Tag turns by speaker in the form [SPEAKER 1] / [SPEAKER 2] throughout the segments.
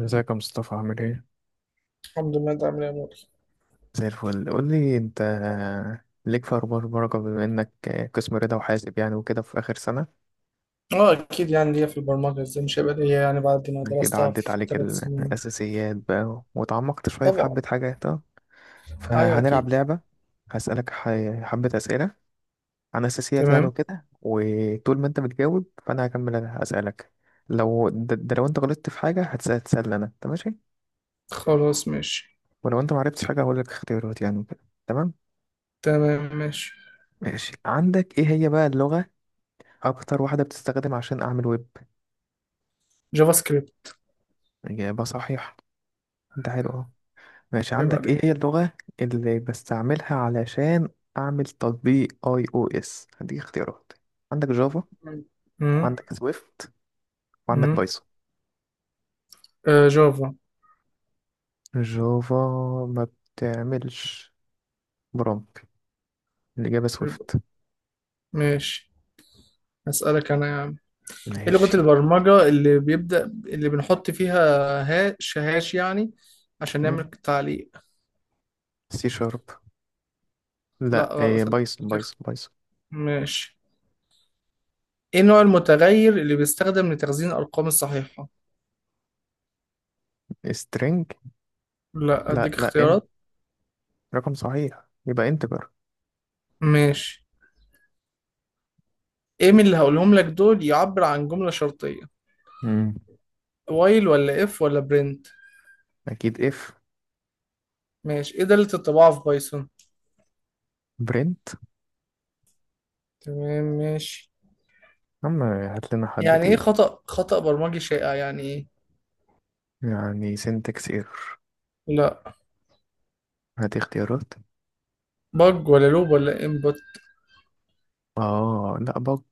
[SPEAKER 1] ازيك يا مصطفى؟ عامل ايه؟
[SPEAKER 2] الحمد لله، انت عامل ايه يا مول؟
[SPEAKER 1] زي الفل. قول لي انت، ليك في اخبار بركه؟ بما انك قسم رضا وحاسب يعني وكده في اخر سنه،
[SPEAKER 2] اه اكيد، يعني ليا في البرمجه. ازاي مش هيبقى ليا يعني بعد ما
[SPEAKER 1] كده
[SPEAKER 2] درستها
[SPEAKER 1] عدت
[SPEAKER 2] في
[SPEAKER 1] عليك
[SPEAKER 2] 3 سنين؟
[SPEAKER 1] الاساسيات بقى وتعمقت شويه في
[SPEAKER 2] طبعا.
[SPEAKER 1] حبه حاجات اه.
[SPEAKER 2] ايوه
[SPEAKER 1] فهنلعب
[SPEAKER 2] اكيد.
[SPEAKER 1] لعبه. هسالك حبه اسئله عن اساسيات يعني
[SPEAKER 2] تمام.
[SPEAKER 1] وكده، وطول ما انت بتجاوب فانا هكمل اسالك. لو ده لو انت غلطت في حاجه هتسال. انا انت ماشي؟
[SPEAKER 2] خلاص ماشي.
[SPEAKER 1] ولو انت معرفتش حاجه هقول لك اختيارات يعني وكده. تمام
[SPEAKER 2] تمام ماشي.
[SPEAKER 1] ماشي. عندك ايه هي بقى اللغه اكتر واحدة بتستخدم عشان اعمل ويب؟
[SPEAKER 2] جافا سكريبت.
[SPEAKER 1] اجابة صحيحة. انت حلو اهو. ماشي،
[SPEAKER 2] عيب
[SPEAKER 1] عندك ايه
[SPEAKER 2] عليك.
[SPEAKER 1] هي اللغة اللي بستعملها علشان اعمل تطبيق اي او اس؟ هديك اختيارات. عندك جافا،
[SPEAKER 2] امم
[SPEAKER 1] وعندك سويفت، وعندك
[SPEAKER 2] امم
[SPEAKER 1] بايثون.
[SPEAKER 2] آه، جافا.
[SPEAKER 1] جافا ما بتعملش برومبت. الاجابة سويفت.
[SPEAKER 2] ماشي، هسألك انا يا عم. ايه لغه
[SPEAKER 1] ماشي.
[SPEAKER 2] البرمجه اللي بيبدأ اللي بنحط فيها هاش هاش، يعني عشان
[SPEAKER 1] م?
[SPEAKER 2] نعمل تعليق؟
[SPEAKER 1] سي شارب. لا،
[SPEAKER 2] لا
[SPEAKER 1] إيه،
[SPEAKER 2] غلط.
[SPEAKER 1] بايثون
[SPEAKER 2] بتخ-
[SPEAKER 1] بايثون بايثون.
[SPEAKER 2] ماشي. ايه النوع المتغير اللي بيستخدم لتخزين الارقام الصحيحه؟
[SPEAKER 1] سترينج.
[SPEAKER 2] لا،
[SPEAKER 1] لا
[SPEAKER 2] اديك
[SPEAKER 1] لا، ان
[SPEAKER 2] اختيارات.
[SPEAKER 1] رقم صحيح يبقى انتجر.
[SPEAKER 2] ماشي. ايه من اللي هقولهم لك دول يعبر عن جملة شرطية؟
[SPEAKER 1] مم.
[SPEAKER 2] وايل ولا اف ولا برنت؟
[SPEAKER 1] اكيد اف.
[SPEAKER 2] ماشي، ايه دالة الطباعة في بايثون؟
[SPEAKER 1] برنت.
[SPEAKER 2] تمام ماشي.
[SPEAKER 1] عم هات لنا حد
[SPEAKER 2] يعني ايه
[SPEAKER 1] تقيل.
[SPEAKER 2] خطأ برمجي شائع، يعني ايه؟
[SPEAKER 1] يعني سنتكس ايرور.
[SPEAKER 2] لا،
[SPEAKER 1] هات اختيارات.
[SPEAKER 2] بج ولا لوب ولا انبوت؟
[SPEAKER 1] اه لا، بج.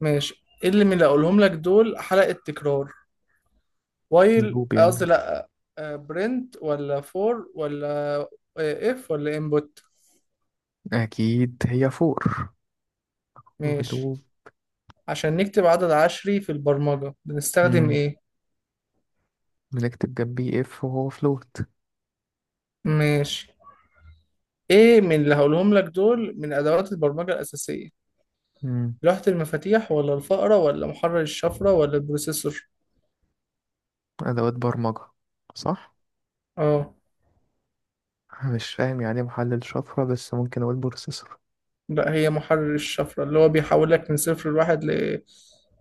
[SPEAKER 2] ماشي. ايه اللي من اللي هقولهم لك دول حلقة تكرار؟ وايل،
[SPEAKER 1] لوب
[SPEAKER 2] قصدي
[SPEAKER 1] يعني.
[SPEAKER 2] لا. آه، برنت ولا فور ولا آه، اف ولا انبوت؟
[SPEAKER 1] اكيد هي فور. فور
[SPEAKER 2] ماشي.
[SPEAKER 1] لوب.
[SPEAKER 2] عشان نكتب عدد عشري في البرمجة بنستخدم
[SPEAKER 1] مم.
[SPEAKER 2] ايه؟
[SPEAKER 1] بنكتب جنبيه اف وهو فلوت.
[SPEAKER 2] ماشي. ايه من اللي هقولهم لك دول من ادوات البرمجه الاساسيه؟
[SPEAKER 1] مم.
[SPEAKER 2] لوحه المفاتيح ولا الفأره ولا محرر الشفره ولا البروسيسور؟
[SPEAKER 1] ادوات برمجة؟ صح.
[SPEAKER 2] اه.
[SPEAKER 1] أنا مش فاهم يعني إيه محلل شفرة، بس ممكن اقول بروسيسور.
[SPEAKER 2] لا، هي محرر الشفره اللي هو بيحول لك من صفر لواحد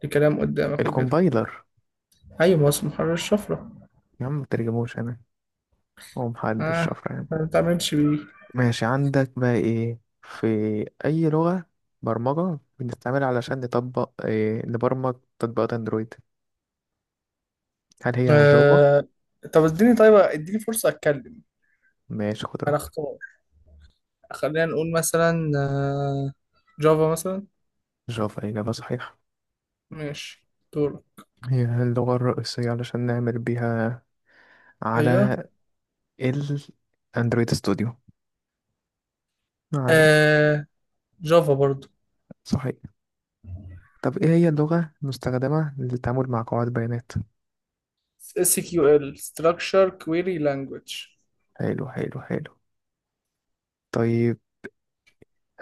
[SPEAKER 2] لكلام قدامك وكده.
[SPEAKER 1] الكومبايلر.
[SPEAKER 2] ايوه، ما هو محرر الشفره.
[SPEAKER 1] يا عم ما ترجموش، انا هو محلل
[SPEAKER 2] اه،
[SPEAKER 1] شفرة يعني.
[SPEAKER 2] ما بتعملش بيه.
[SPEAKER 1] ماشي، عندك بقى ايه في اي لغة برمجة بنستعملها علشان نطبق إيه، نبرمج تطبيقات اندرويد؟ هل هي جافا؟
[SPEAKER 2] آه. طب اديني، فرصه اتكلم.
[SPEAKER 1] ماشي خد
[SPEAKER 2] انا
[SPEAKER 1] راحتك.
[SPEAKER 2] اختار. خلينا نقول مثلا آه، جافا مثلا.
[SPEAKER 1] جافا إجابة صحيحة.
[SPEAKER 2] ماشي. دور.
[SPEAKER 1] هي اللغة الرئيسية علشان نعمل بيها على
[SPEAKER 2] ايوه.
[SPEAKER 1] الأندرويد ستوديو يعني.
[SPEAKER 2] آه. جافا برضو.
[SPEAKER 1] صحيح. طب إيه هي اللغة المستخدمة للتعامل مع قواعد بيانات؟
[SPEAKER 2] اس كيو ال structure query language.
[SPEAKER 1] حلو حلو حلو. طيب،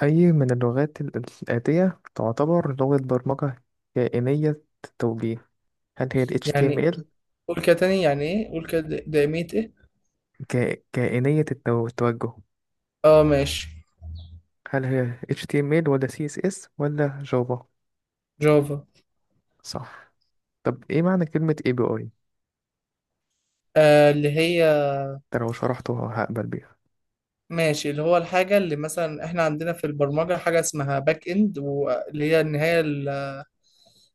[SPEAKER 1] أي من اللغات الآتية تعتبر لغة برمجة كائنية التوجيه؟ هل هي ال
[SPEAKER 2] يعني
[SPEAKER 1] HTML؟
[SPEAKER 2] قول كده تاني، يعني ايه؟ قول كده دائمية ايه؟
[SPEAKER 1] كائنية التوجه؟
[SPEAKER 2] اه ماشي.
[SPEAKER 1] هل هي HTML ولا CSS ولا جافا؟
[SPEAKER 2] جافا.
[SPEAKER 1] صح. طب ايه معنى كلمة اي بي اي؟
[SPEAKER 2] آه اللي هي.
[SPEAKER 1] انت لو شرحته هقبل بيها.
[SPEAKER 2] ماشي. اللي هو الحاجة اللي مثلا احنا عندنا في البرمجة حاجة اسمها باك اند، واللي هي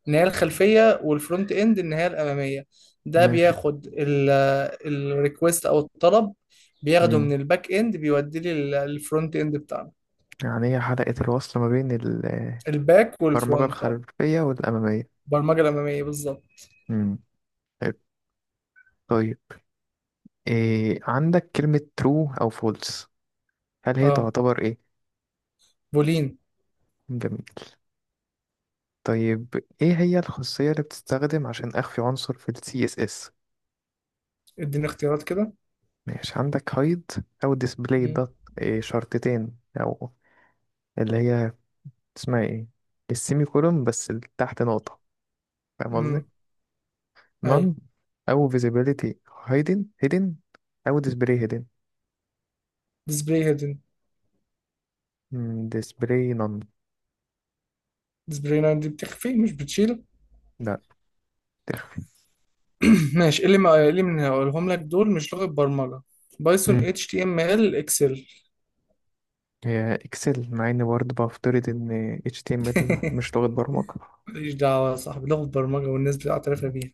[SPEAKER 2] النهاية الخلفية، والفرونت اند النهاية الأمامية. ده
[SPEAKER 1] ماشي.
[SPEAKER 2] بياخد الريكوست او الطلب، بياخده من
[SPEAKER 1] مم.
[SPEAKER 2] الباك اند بيوديه للفرونت اند بتاعنا.
[SPEAKER 1] يعني هي حلقة الوصل ما بين
[SPEAKER 2] الباك
[SPEAKER 1] البرمجة
[SPEAKER 2] والفرونت، اه.
[SPEAKER 1] الخلفية والأمامية.
[SPEAKER 2] البرمجة الأمامية بالظبط.
[SPEAKER 1] مم. حلو. طيب، إيه، عندك كلمة true أو false، هل هي
[SPEAKER 2] اه،
[SPEAKER 1] تعتبر ايه؟
[SPEAKER 2] بولين.
[SPEAKER 1] جميل. طيب ايه هي الخاصية اللي بتستخدم عشان أخفي عنصر في ال CSS؟
[SPEAKER 2] اديني اختيارات كده.
[SPEAKER 1] ماشي. عندك hide أو display
[SPEAKER 2] مم.
[SPEAKER 1] dot، إيه شرطتين، أو اللي هي اسمها ايه؟ السيمي كولوم بس اللي تحت نقطة، فاهم قصدي؟
[SPEAKER 2] مم. اي.
[SPEAKER 1] none، او visibility hidden، او display hidden.
[SPEAKER 2] ديسبلاي هيدن.
[SPEAKER 1] Display none.
[SPEAKER 2] ديسبلاي لاين دي بتخفي مش بتشيل.
[SPEAKER 1] لا.
[SPEAKER 2] ماشي. إيه اللي ما إيه اللي من هقولهم لك دول مش لغة برمجة؟ بايثون
[SPEAKER 1] مم.
[SPEAKER 2] اتش تي ام ال اكسل.
[SPEAKER 1] هي اكسل، مع اني برضه بفترض ان HTML مش لغة برمجة.
[SPEAKER 2] ماليش دعوة يا صاحبي، لغة برمجة والناس بتعترف بيها.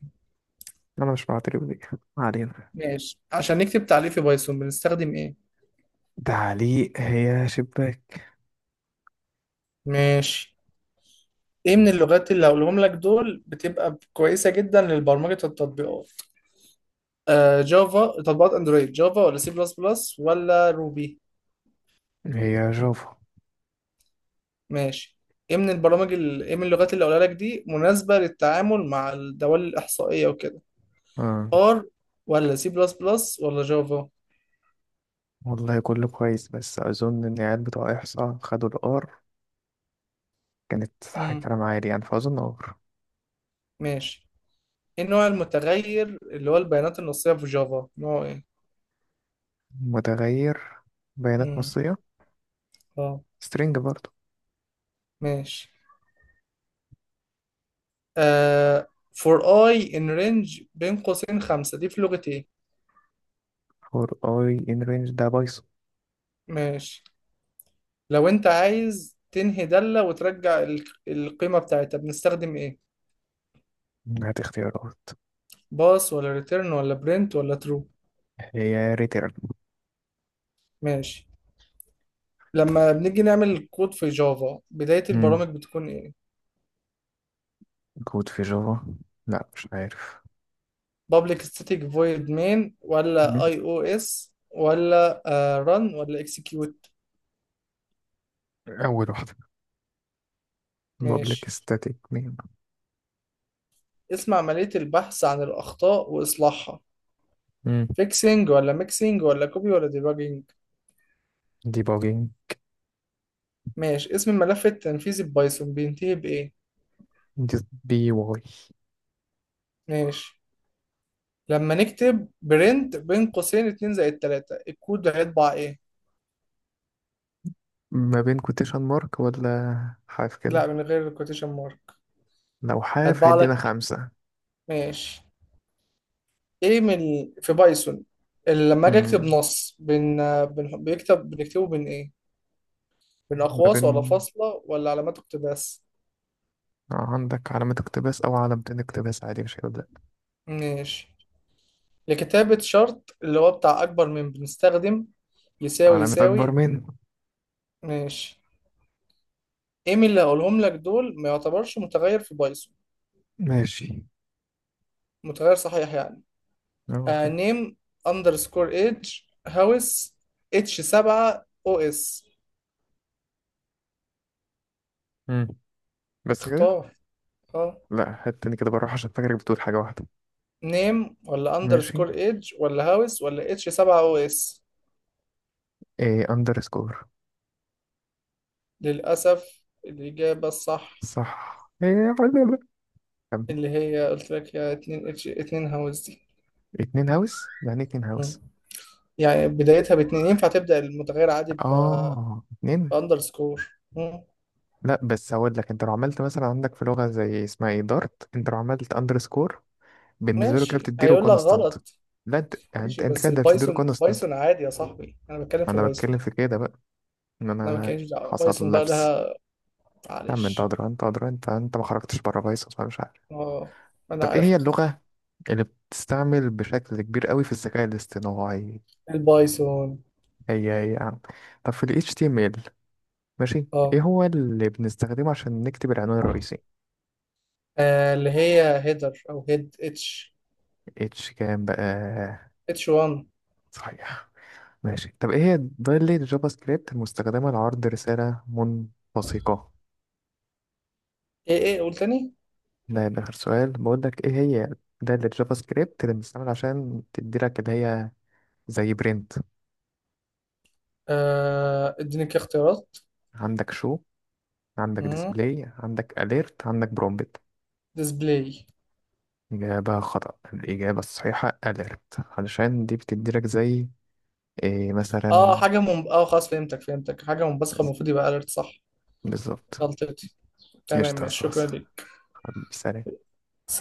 [SPEAKER 1] انا مش بعترف بيها، ما علينا.
[SPEAKER 2] ماشي. عشان نكتب تعليق في بايثون بنستخدم ايه؟
[SPEAKER 1] تعليق هي شباك.
[SPEAKER 2] ماشي. ايه من اللغات اللي هقولهم لك دول بتبقى كويسة جدا للبرمجة التطبيقات؟ آه، جافا تطبيقات اندرويد. جافا ولا سي بلس بلس ولا روبي؟
[SPEAKER 1] هي جافا.
[SPEAKER 2] ماشي. ايه من البرامج ال... ايه من اللغات اللي قولها لك دي مناسبة للتعامل مع الدوال الإحصائية وكده؟
[SPEAKER 1] آه.
[SPEAKER 2] ار ولا سي بلس بلس ولا جافا؟
[SPEAKER 1] والله كله كويس، بس اظن ان العيال بتوع احصاء خدوا الار، كانت
[SPEAKER 2] امم.
[SPEAKER 1] كلام عالي يعني، فاظن ار.
[SPEAKER 2] ماشي. ايه النوع المتغير اللي هو البيانات النصية في جافا؟ نوع ايه؟
[SPEAKER 1] متغير بيانات
[SPEAKER 2] امم.
[SPEAKER 1] نصية،
[SPEAKER 2] اه
[SPEAKER 1] string برضه.
[SPEAKER 2] ماشي. آه، for i in range بين قوسين 5، دي في لغة ايه؟
[SPEAKER 1] for i in range ده بايثون.
[SPEAKER 2] ماشي. لو انت عايز تنهي دالة وترجع القيمة بتاعتها بنستخدم ايه؟
[SPEAKER 1] هات اختيارات.
[SPEAKER 2] باس ولا ريتيرن ولا برنت ولا ترو؟
[SPEAKER 1] هي ريتيرن.
[SPEAKER 2] ماشي. لما بنيجي نعمل كود في جافا بداية
[SPEAKER 1] مم.
[SPEAKER 2] البرامج بتكون ايه؟
[SPEAKER 1] كود في جافا؟ لا مش عارف.
[SPEAKER 2] public static void main ولا
[SPEAKER 1] مم.
[SPEAKER 2] اي او اس ولا آه run ولا execute؟
[SPEAKER 1] أول واحدة، public
[SPEAKER 2] ماشي.
[SPEAKER 1] static main.
[SPEAKER 2] اسم عملية البحث عن الأخطاء وإصلاحها؟
[SPEAKER 1] مم.
[SPEAKER 2] fixing ولا mixing ولا copy ولا debugging؟
[SPEAKER 1] debugging.
[SPEAKER 2] ماشي. اسم الملف التنفيذي ببايثون بينتهي بإيه؟
[SPEAKER 1] just بي واي.
[SPEAKER 2] ماشي. لما نكتب print بين قوسين 2 زائد 3، الكود هيطبع ايه؟
[SPEAKER 1] ما بين quotation mark ولا حاف
[SPEAKER 2] لا،
[SPEAKER 1] كده؟
[SPEAKER 2] من غير الكوتيشن مارك.
[SPEAKER 1] لو حاف
[SPEAKER 2] هيطبع
[SPEAKER 1] هيدينا
[SPEAKER 2] لك.
[SPEAKER 1] خمسة.
[SPEAKER 2] ماشي. ايه من، في بايثون، اللي لما اجي اكتب
[SPEAKER 1] مم.
[SPEAKER 2] نص بن بيكتب بنكتبه بين ايه؟ بين
[SPEAKER 1] ما
[SPEAKER 2] اقواس ولا
[SPEAKER 1] بين،
[SPEAKER 2] فاصلة ولا علامات اقتباس؟
[SPEAKER 1] عندك علامة اقتباس أو علامة اقتباس عادي مش هيبدأ.
[SPEAKER 2] ماشي. لكتابة شرط اللي هو بتاع اكبر من بنستخدم يساوي
[SPEAKER 1] علامة أكبر
[SPEAKER 2] يساوي؟
[SPEAKER 1] من.
[SPEAKER 2] ماشي. ايه من اللي هقولهم لك دول ما يعتبرش متغير في بايثون؟
[SPEAKER 1] ماشي،
[SPEAKER 2] متغير صحيح يعني.
[SPEAKER 1] أه
[SPEAKER 2] آه،
[SPEAKER 1] فاهم.
[SPEAKER 2] نيم، اندرسكور ايدج، هاوس، اتش 7 او اس.
[SPEAKER 1] مم. بس كده.
[SPEAKER 2] اختار. اه.
[SPEAKER 1] لا هات تاني كده، بروح عشان فاكرك بتقول حاجة واحدة.
[SPEAKER 2] نيم ولا
[SPEAKER 1] ماشي.
[SPEAKER 2] اندرسكور ايدج ولا هاوس ولا اتش 7 او اس؟
[SPEAKER 1] ايه underscore.
[SPEAKER 2] للأسف الإجابة الصح
[SPEAKER 1] صح، إيه، كم؟
[SPEAKER 2] اللي هي قلت لك، يا اتنين اتش اتنين هاوس دي.
[SPEAKER 1] اتنين هاوس؟ يعني إيه اتنين هاوس؟
[SPEAKER 2] مم. يعني بدايتها باتنين، ينفع تبدأ المتغير عادي
[SPEAKER 1] اه، اتنين.
[SPEAKER 2] بأندرسكور؟ مم.
[SPEAKER 1] لا بس هقول لك، انت لو عملت مثلا عندك في لغة زي اسمها ايه، دارت، انت لو عملت اندرسكور بالنسبة له كده
[SPEAKER 2] ماشي
[SPEAKER 1] بتديله
[SPEAKER 2] هيقول لك
[SPEAKER 1] كونستانت.
[SPEAKER 2] غلط.
[SPEAKER 1] لا انت يعني، انت
[SPEAKER 2] ماشي،
[SPEAKER 1] انت
[SPEAKER 2] بس
[SPEAKER 1] كده بتديله
[SPEAKER 2] البايثون
[SPEAKER 1] كونستانت.
[SPEAKER 2] بايثون عادي يا صاحبي، أنا بتكلم في
[SPEAKER 1] انا بتكلم
[SPEAKER 2] بايثون.
[SPEAKER 1] في كده بقى، ان
[SPEAKER 2] أنا ما
[SPEAKER 1] انا
[SPEAKER 2] كانش دعوة
[SPEAKER 1] حصل
[SPEAKER 2] بايثون بقى
[SPEAKER 1] لبس.
[SPEAKER 2] لها.
[SPEAKER 1] يا عم انت
[SPEAKER 2] معلش.
[SPEAKER 1] ادرى انت ادرى، انت ما خرجتش بره بايثون مش عارف.
[SPEAKER 2] اه. أنا
[SPEAKER 1] طب ايه
[SPEAKER 2] عارف.
[SPEAKER 1] هي اللغة اللي بتستعمل بشكل كبير قوي في الذكاء الاصطناعي؟
[SPEAKER 2] البايثون.
[SPEAKER 1] هي هي يا عم. طب في ال HTML، ماشي،
[SPEAKER 2] اه.
[SPEAKER 1] ايه هو اللي بنستخدمه عشان نكتب العنوان الرئيسي؟
[SPEAKER 2] آه، اللي هي هيدر أو هيد اتش.
[SPEAKER 1] اتش كام بقى؟
[SPEAKER 2] اتش 1.
[SPEAKER 1] صحيح. ماشي. طب ايه هي دايلة جافا سكريبت المستخدمة لعرض رسالة منبثقة؟
[SPEAKER 2] ايه ايه قول تاني.
[SPEAKER 1] ده يبقى آخر سؤال بقول لك. ايه هي دايلة جافا سكريبت اللي بنستعمل عشان تدي لك اللي هي زي برنت؟
[SPEAKER 2] آه اديني كده اختيارات.
[SPEAKER 1] عندك شو، عندك
[SPEAKER 2] مم.
[SPEAKER 1] ديسبلاي، عندك اليرت، عندك برومبت.
[SPEAKER 2] ديسبلاي.
[SPEAKER 1] إجابة خطأ. الإجابة الصحيحة اليرت علشان دي بتدي لك زي إيه
[SPEAKER 2] اه
[SPEAKER 1] مثلا.
[SPEAKER 2] حاجة من، اه خلاص فهمتك فهمتك، حاجة منبثقة المفروض يبقى اليرت، صح.
[SPEAKER 1] بالظبط.
[SPEAKER 2] غلطتي. تمام
[SPEAKER 1] قشطة يا
[SPEAKER 2] ماشي، شكرا
[SPEAKER 1] صاصة.
[SPEAKER 2] ليك.
[SPEAKER 1] حبيبي، سلام.